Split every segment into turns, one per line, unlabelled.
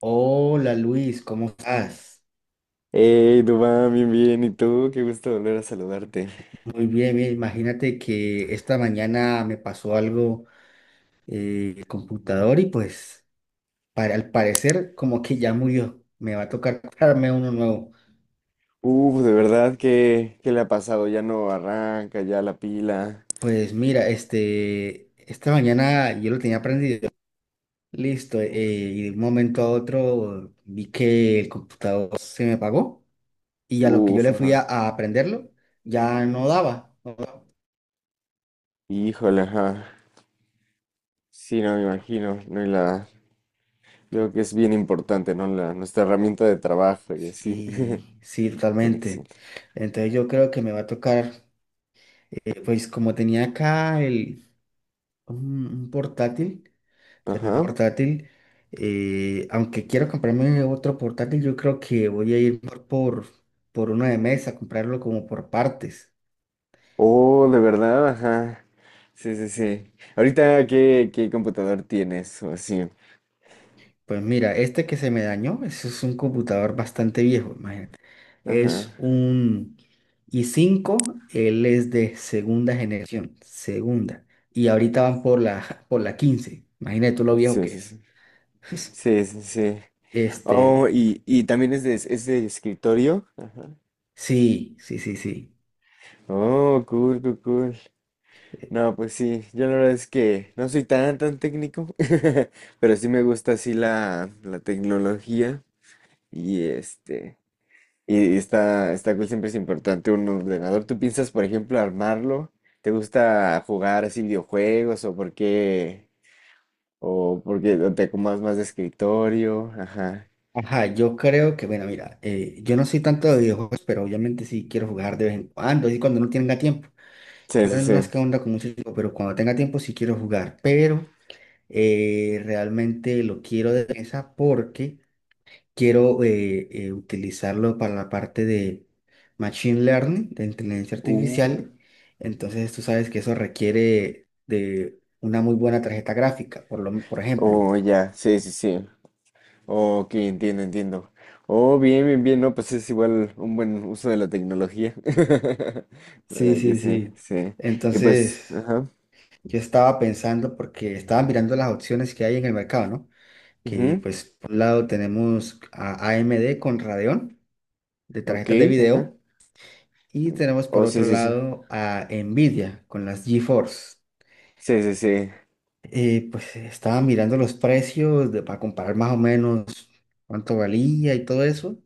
Hola Luis, ¿cómo estás?
Hey, Dubán, bien, bien. ¿Y tú? Qué gusto volver a saludarte.
Muy bien, mira, imagínate que esta mañana me pasó algo en el computador y pues para, al parecer como que ya murió. Me va a tocar comprarme uno nuevo.
Uf, de verdad, ¿qué le ha pasado? Ya no arranca, ya la pila.
Pues mira, este, esta mañana yo lo tenía prendido. Listo, y de un momento a otro vi que el computador se me apagó y a lo que yo
Uf,
le fui
ajá.
a prenderlo ya no daba.
Híjole, ajá. Sí, no me imagino. No, creo que es bien importante, ¿no? La, nuestra herramienta de trabajo y así.
Sí, sí,
Conexión.
totalmente. Entonces yo creo que me va a tocar, pues como tenía acá un portátil, o sea, un
Ajá.
portátil, aunque quiero comprarme otro portátil, yo creo que voy a ir por uno de mesa, comprarlo como por partes.
Oh, de verdad, ajá. Sí, sí, sí. Ahorita, ¿qué computador tienes? O así.
Pues mira, este que se me dañó, ese es un computador bastante viejo, imagínate.
Ajá.
Es un i5, él es de segunda generación, segunda. Y ahorita van por la 15. Imagínate tú lo viejo
Sí,
que
sí,
es.
sí. Sí, sí, sí. Oh,
Este,
y también es de escritorio. Ajá.
sí, sí, sí, sí.
Oh, cool, cool, cool.
Eh,
No, pues sí, yo la verdad es que no soy tan técnico, pero sí me gusta así la tecnología y este, y está, está cool, siempre es importante un ordenador. ¿Tú piensas, por ejemplo, armarlo? ¿Te gusta jugar así videojuegos o por qué? ¿O porque te acomodas más de escritorio? Ajá.
Ajá, yo creo que, bueno, mira, yo no soy tanto de videojuegos, pero obviamente sí quiero jugar de vez en cuando, así cuando no tenga tiempo.
Sí, sí,
Bueno, no
sí.
es que onda con mucho tiempo, pero cuando tenga tiempo sí quiero jugar, pero realmente lo quiero de mesa porque quiero utilizarlo para la parte de Machine Learning, de inteligencia
Uh,
artificial. Entonces tú sabes que eso requiere de una muy buena tarjeta gráfica, por ejemplo.
oh, ya, sí, sí, sí. Ok, entiendo, entiendo. Oh, bien, bien, bien, no, pues es igual un buen uso de la tecnología.
Sí,
¿Verdad que
sí,
sí,
sí.
sí. Y pues,
Entonces
ajá.
yo estaba pensando porque estaba mirando las opciones que hay en el mercado, ¿no? Que
Ujú.
pues por un lado tenemos a AMD con Radeon de
Ok,
tarjetas de
ajá.
video. Y tenemos por
Oh, sí,
otro
sí, sí.
lado a Nvidia con las GeForce.
Sí, sí, sí.
Pues estaba mirando los precios para comparar más o menos cuánto valía y todo eso.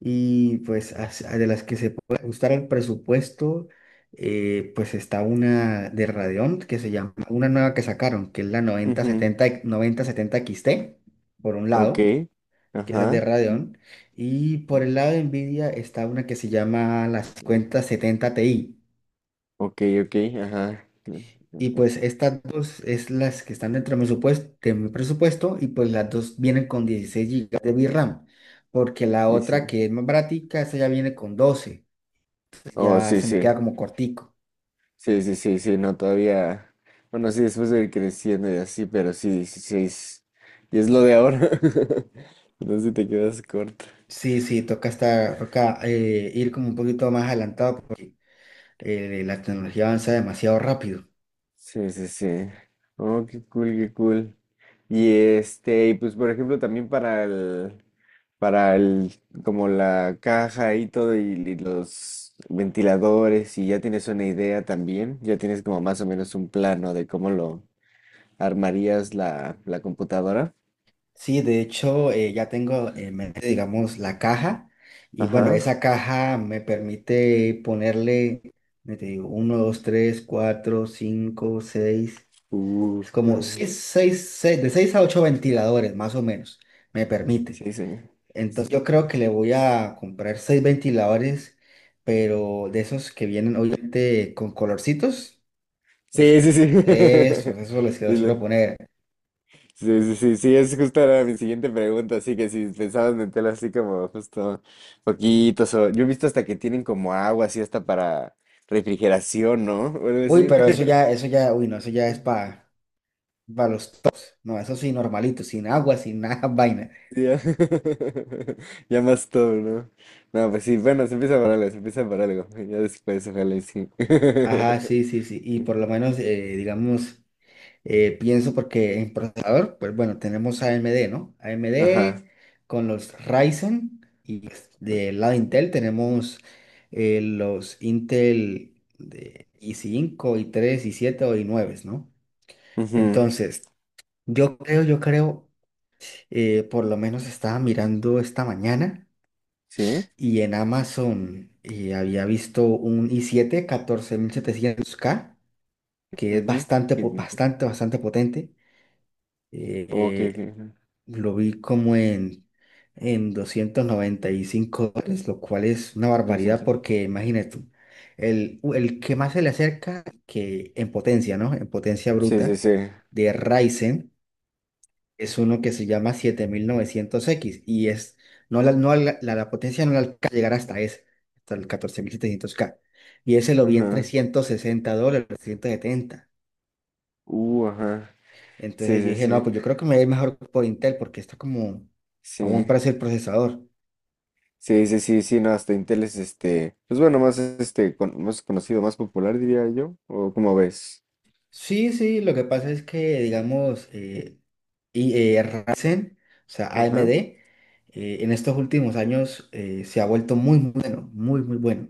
Y pues de las que se puede ajustar al presupuesto, pues está una de Radeon que se llama, una nueva que sacaron, que es la
Ujú.
9070, 9070 XT, por un
Ok,
lado, que esa es de
ajá.
Radeon. Y por el lado de Nvidia está una que se llama la 5070 Ti.
Ok, ok, ajá.
Y pues estas dos es las que están dentro de mi de mi presupuesto y pues las dos vienen con 16 GB de VRAM, porque la
Dice.
otra que es más baratica, esa ya viene con 12, entonces
Oh,
ya
sí,
se me
sí.
queda como cortico.
Sí, sí, sí, sí, no, todavía. Bueno, sí, después de ir creciendo y así, pero sí, 16. Y es lo de ahora. Entonces te quedas corto.
Sí, sí, toca estar, toca ir como un poquito más adelantado porque la tecnología avanza demasiado rápido.
Sí, sí, sí. Oh, qué cool, qué cool. Y este, y pues por ejemplo también para el, como la caja y todo y los ventiladores y ya tienes una idea también, ya tienes como más o menos un plano de cómo lo armarías la computadora.
Sí, de hecho, ya tengo en mente, digamos, la caja. Y bueno,
Ajá.
esa caja me permite ponerle, me te digo, 1, 2, 3, 4, 5, 6.
Uh,
Es como de 6 a 8 ventiladores, más o menos, me permite.
sí, sí.
Entonces, yo creo que le voy a comprar 6 ventiladores, pero de esos que vienen, obviamente, con colorcitos.
Sí,
Pues,
sí, sí.
eso, eso les quiero,
Sí,
les quiero
sí.
poner.
Sí, sí, sí, sí, es justo era mi siguiente pregunta, así que si pensabas meterlo así como justo poquitos, o yo he visto hasta que tienen como agua así hasta para refrigeración, ¿no? O algo
Uy,
así.
pero eso ya, eso ya, uy, no, eso ya es para. Va, los tops. No, eso sí, normalito, sin agua, sin nada, vaina.
Sí, ya, ya más todo, ¿no? No, pues sí, bueno, se empieza por algo, se empieza por algo, ya después, ojalá y sí.
Ajá, sí, sí, sí. Y por lo menos, digamos, pienso porque en procesador, pues bueno, tenemos a AMD, ¿no?
Ajá,
AMD con los Ryzen y pues, del lado Intel tenemos los Intel de i5, i3, i7 o i9, ¿no?
ujú,
Entonces, yo creo, por lo menos estaba mirando esta mañana.
sí,
Y en Amazon había visto un i7 14700K, que es
ujú,
bastante,
y-
bastante, bastante potente. Eh,
oh, ok, ok,
eh,
ajá,
lo vi como en, $295, lo cual es una
lo
barbaridad
siento.
porque imagínate tú, el que más se le acerca, que en potencia, ¿no? En potencia
Sí, sí,
bruta
sí,
de Ryzen es uno que se llama 7900X no la, no la, la, la potencia no la alcanza a llegar hasta ese, hasta el 14700K. Y ese lo vi en
ajá,
$360, 370.
ajá,
Entonces
sí,
yo
sí,
dije, no,
sí.
pues yo creo que me va a ir mejor por Intel porque está como a buen
Sí,
precio el procesador.
sí, sí, sí, sí, no, hasta Intel es este, pues bueno, más este, más conocido, más popular diría yo, o como ves.
Sí, sí, lo que pasa es que, digamos, Ryzen, o sea,
Ajá.
AMD, en estos últimos años se ha vuelto muy muy bueno, muy, muy bueno.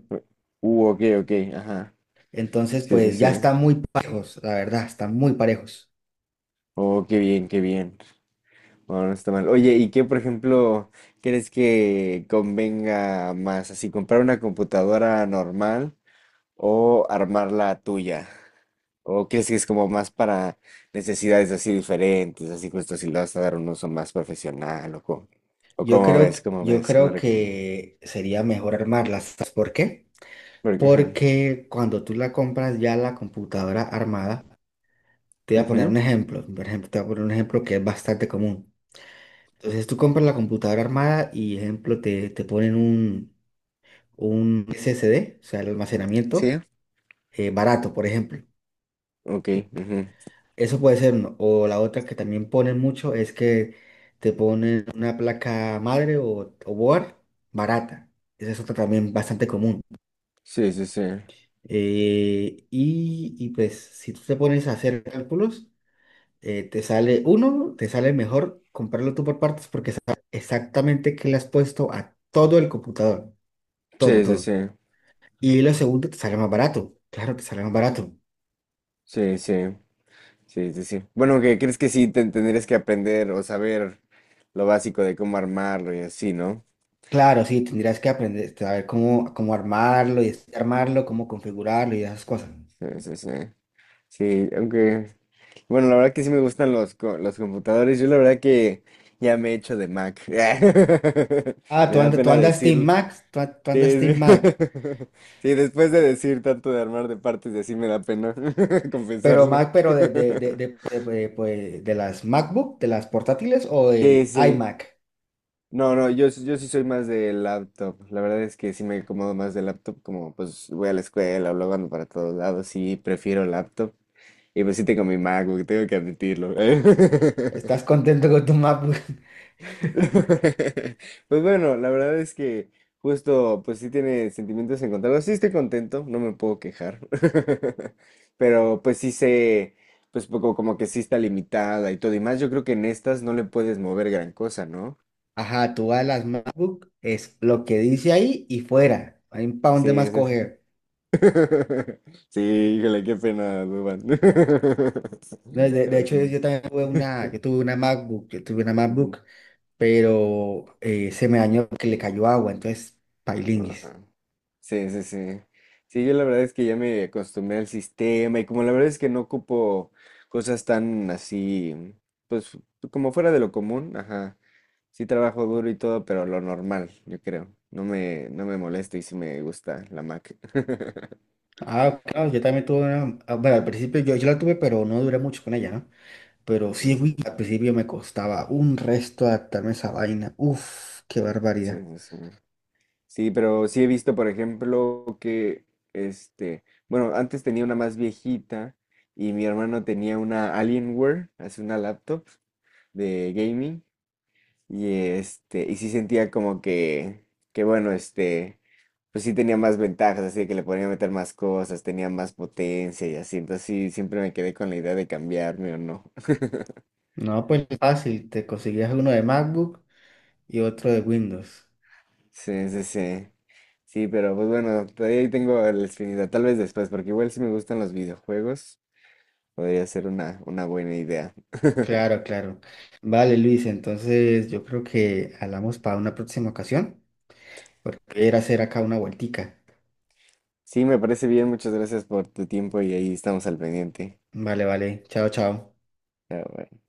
Ok, ok, ajá.
Entonces,
Sí, sí,
pues
sí.
ya están muy parejos, la verdad, están muy parejos.
Oh, qué bien, qué bien. Bueno, no está mal. Oye, ¿y qué, por ejemplo, crees que convenga más? ¿Así comprar una computadora normal o armar la tuya? ¿O crees que es como más para necesidades así diferentes, así justo si le vas a dar un uso más profesional o
Yo creo,
cómo
yo
ves, qué me
creo
recomiendas?
que sería mejor armarlas. ¿Sabes por qué?
Porque, ajá,
Porque cuando tú la compras ya la computadora armada, te voy a poner un
ujú,
ejemplo. Por ejemplo, te voy a poner un ejemplo que es bastante común. Entonces tú compras la computadora armada y, ejemplo, te ponen un SSD, o sea, el almacenamiento
sí,
barato, por ejemplo. Te
ok, ujú.
Eso puede ser, uno. O la otra que también ponen mucho es que te ponen una placa madre o board barata. Esa es otra también bastante común.
Sí, sí, sí,
Y pues si tú te pones a hacer cálculos, te sale uno, te sale mejor comprarlo tú por partes porque sabes exactamente qué le has puesto a todo el computador, todo,
sí, sí,
todo.
sí,
Y lo segundo te sale más barato, claro, te sale más barato.
sí, sí, sí, sí, sí. Bueno, que crees que sí te tendrías que aprender o saber lo básico de cómo armarlo y así, ¿no?
Claro, sí, tendrías que aprender, saber cómo armarlo y armarlo, cómo configurarlo y esas cosas.
Sí, sí, sí. Sí, aunque, bueno, la verdad que sí me gustan los computadores. Yo la verdad que ya me he hecho de Mac.
Ah,
Me
tú
da
andas, tú
pena
andas Team
decirlo.
Mac,
Sí, sí. Sí, después de decir tanto de armar de partes y así me da pena
Pero Mac,
confesarlo.
de, de, de, de, de- de- pues, de las MacBook, de las portátiles o
Sí,
del
sí.
iMac.
No, no, yo sí soy más de laptop. La verdad es que sí me acomodo más de laptop, como pues voy a la escuela o luego ando para todos lados, sí prefiero laptop. Y pues sí tengo mi MacBook, tengo que admitirlo.
¿Estás contento con tu MacBook?
Pues bueno, la verdad es que justo, pues sí tiene sentimientos encontrados. Sí estoy contento, no me puedo quejar. Pero pues sí sé, pues poco como que sí está limitada y todo. Y más, yo creo que en estas no le puedes mover gran cosa, ¿no?
Ajá, tú vas a las MacBook, es lo que dice ahí y fuera. Hay un pa' dónde más
Sí, sí.
coger.
Sí, híjole, qué pena, Duban.
De, de- de
Pero
hecho, yo,
sí.
yo también tuve una, yo tuve una
Ujú.
MacBook pero se me dañó que le cayó agua, entonces pailinguis.
Ajá. Sí, sí, sí. Sí, yo la verdad es que ya me acostumbré al sistema y como la verdad es que no ocupo cosas tan así, pues como fuera de lo común, ajá. Sí trabajo duro y todo, pero lo normal, yo creo. No me molesta y sí me gusta la Mac.
Ah, claro, yo también tuve una, ah, bueno, al principio yo la tuve, pero no duré mucho con ella, ¿no? Pero
Sí,
sí, güey,
sí,
al principio me costaba un resto adaptarme a esa vaina. Uf, qué
sí,
barbaridad.
sí, sí. Sí, pero sí he visto, por ejemplo, que este, bueno, antes tenía una más viejita y mi hermano tenía una Alienware, hace una laptop de gaming. Y este, y sí sentía como que bueno, este, pues sí tenía más ventajas, así de que le podía meter más cosas, tenía más potencia y así. Entonces sí, siempre me quedé con la idea de cambiarme o no.
No, pues fácil, te conseguías uno de MacBook y otro de Windows.
Sí, sí, sí. Sí, pero pues bueno, todavía ahí tengo la espinita, tal vez después, porque igual si me gustan los videojuegos, podría ser una buena idea.
Claro, claro. Vale, Luis, entonces yo creo que hablamos para una próxima ocasión, porque era hacer acá una vueltica.
Sí, me parece bien, muchas gracias por tu tiempo y ahí estamos al pendiente.
Vale, vale. Chao, chao.
Pero bueno.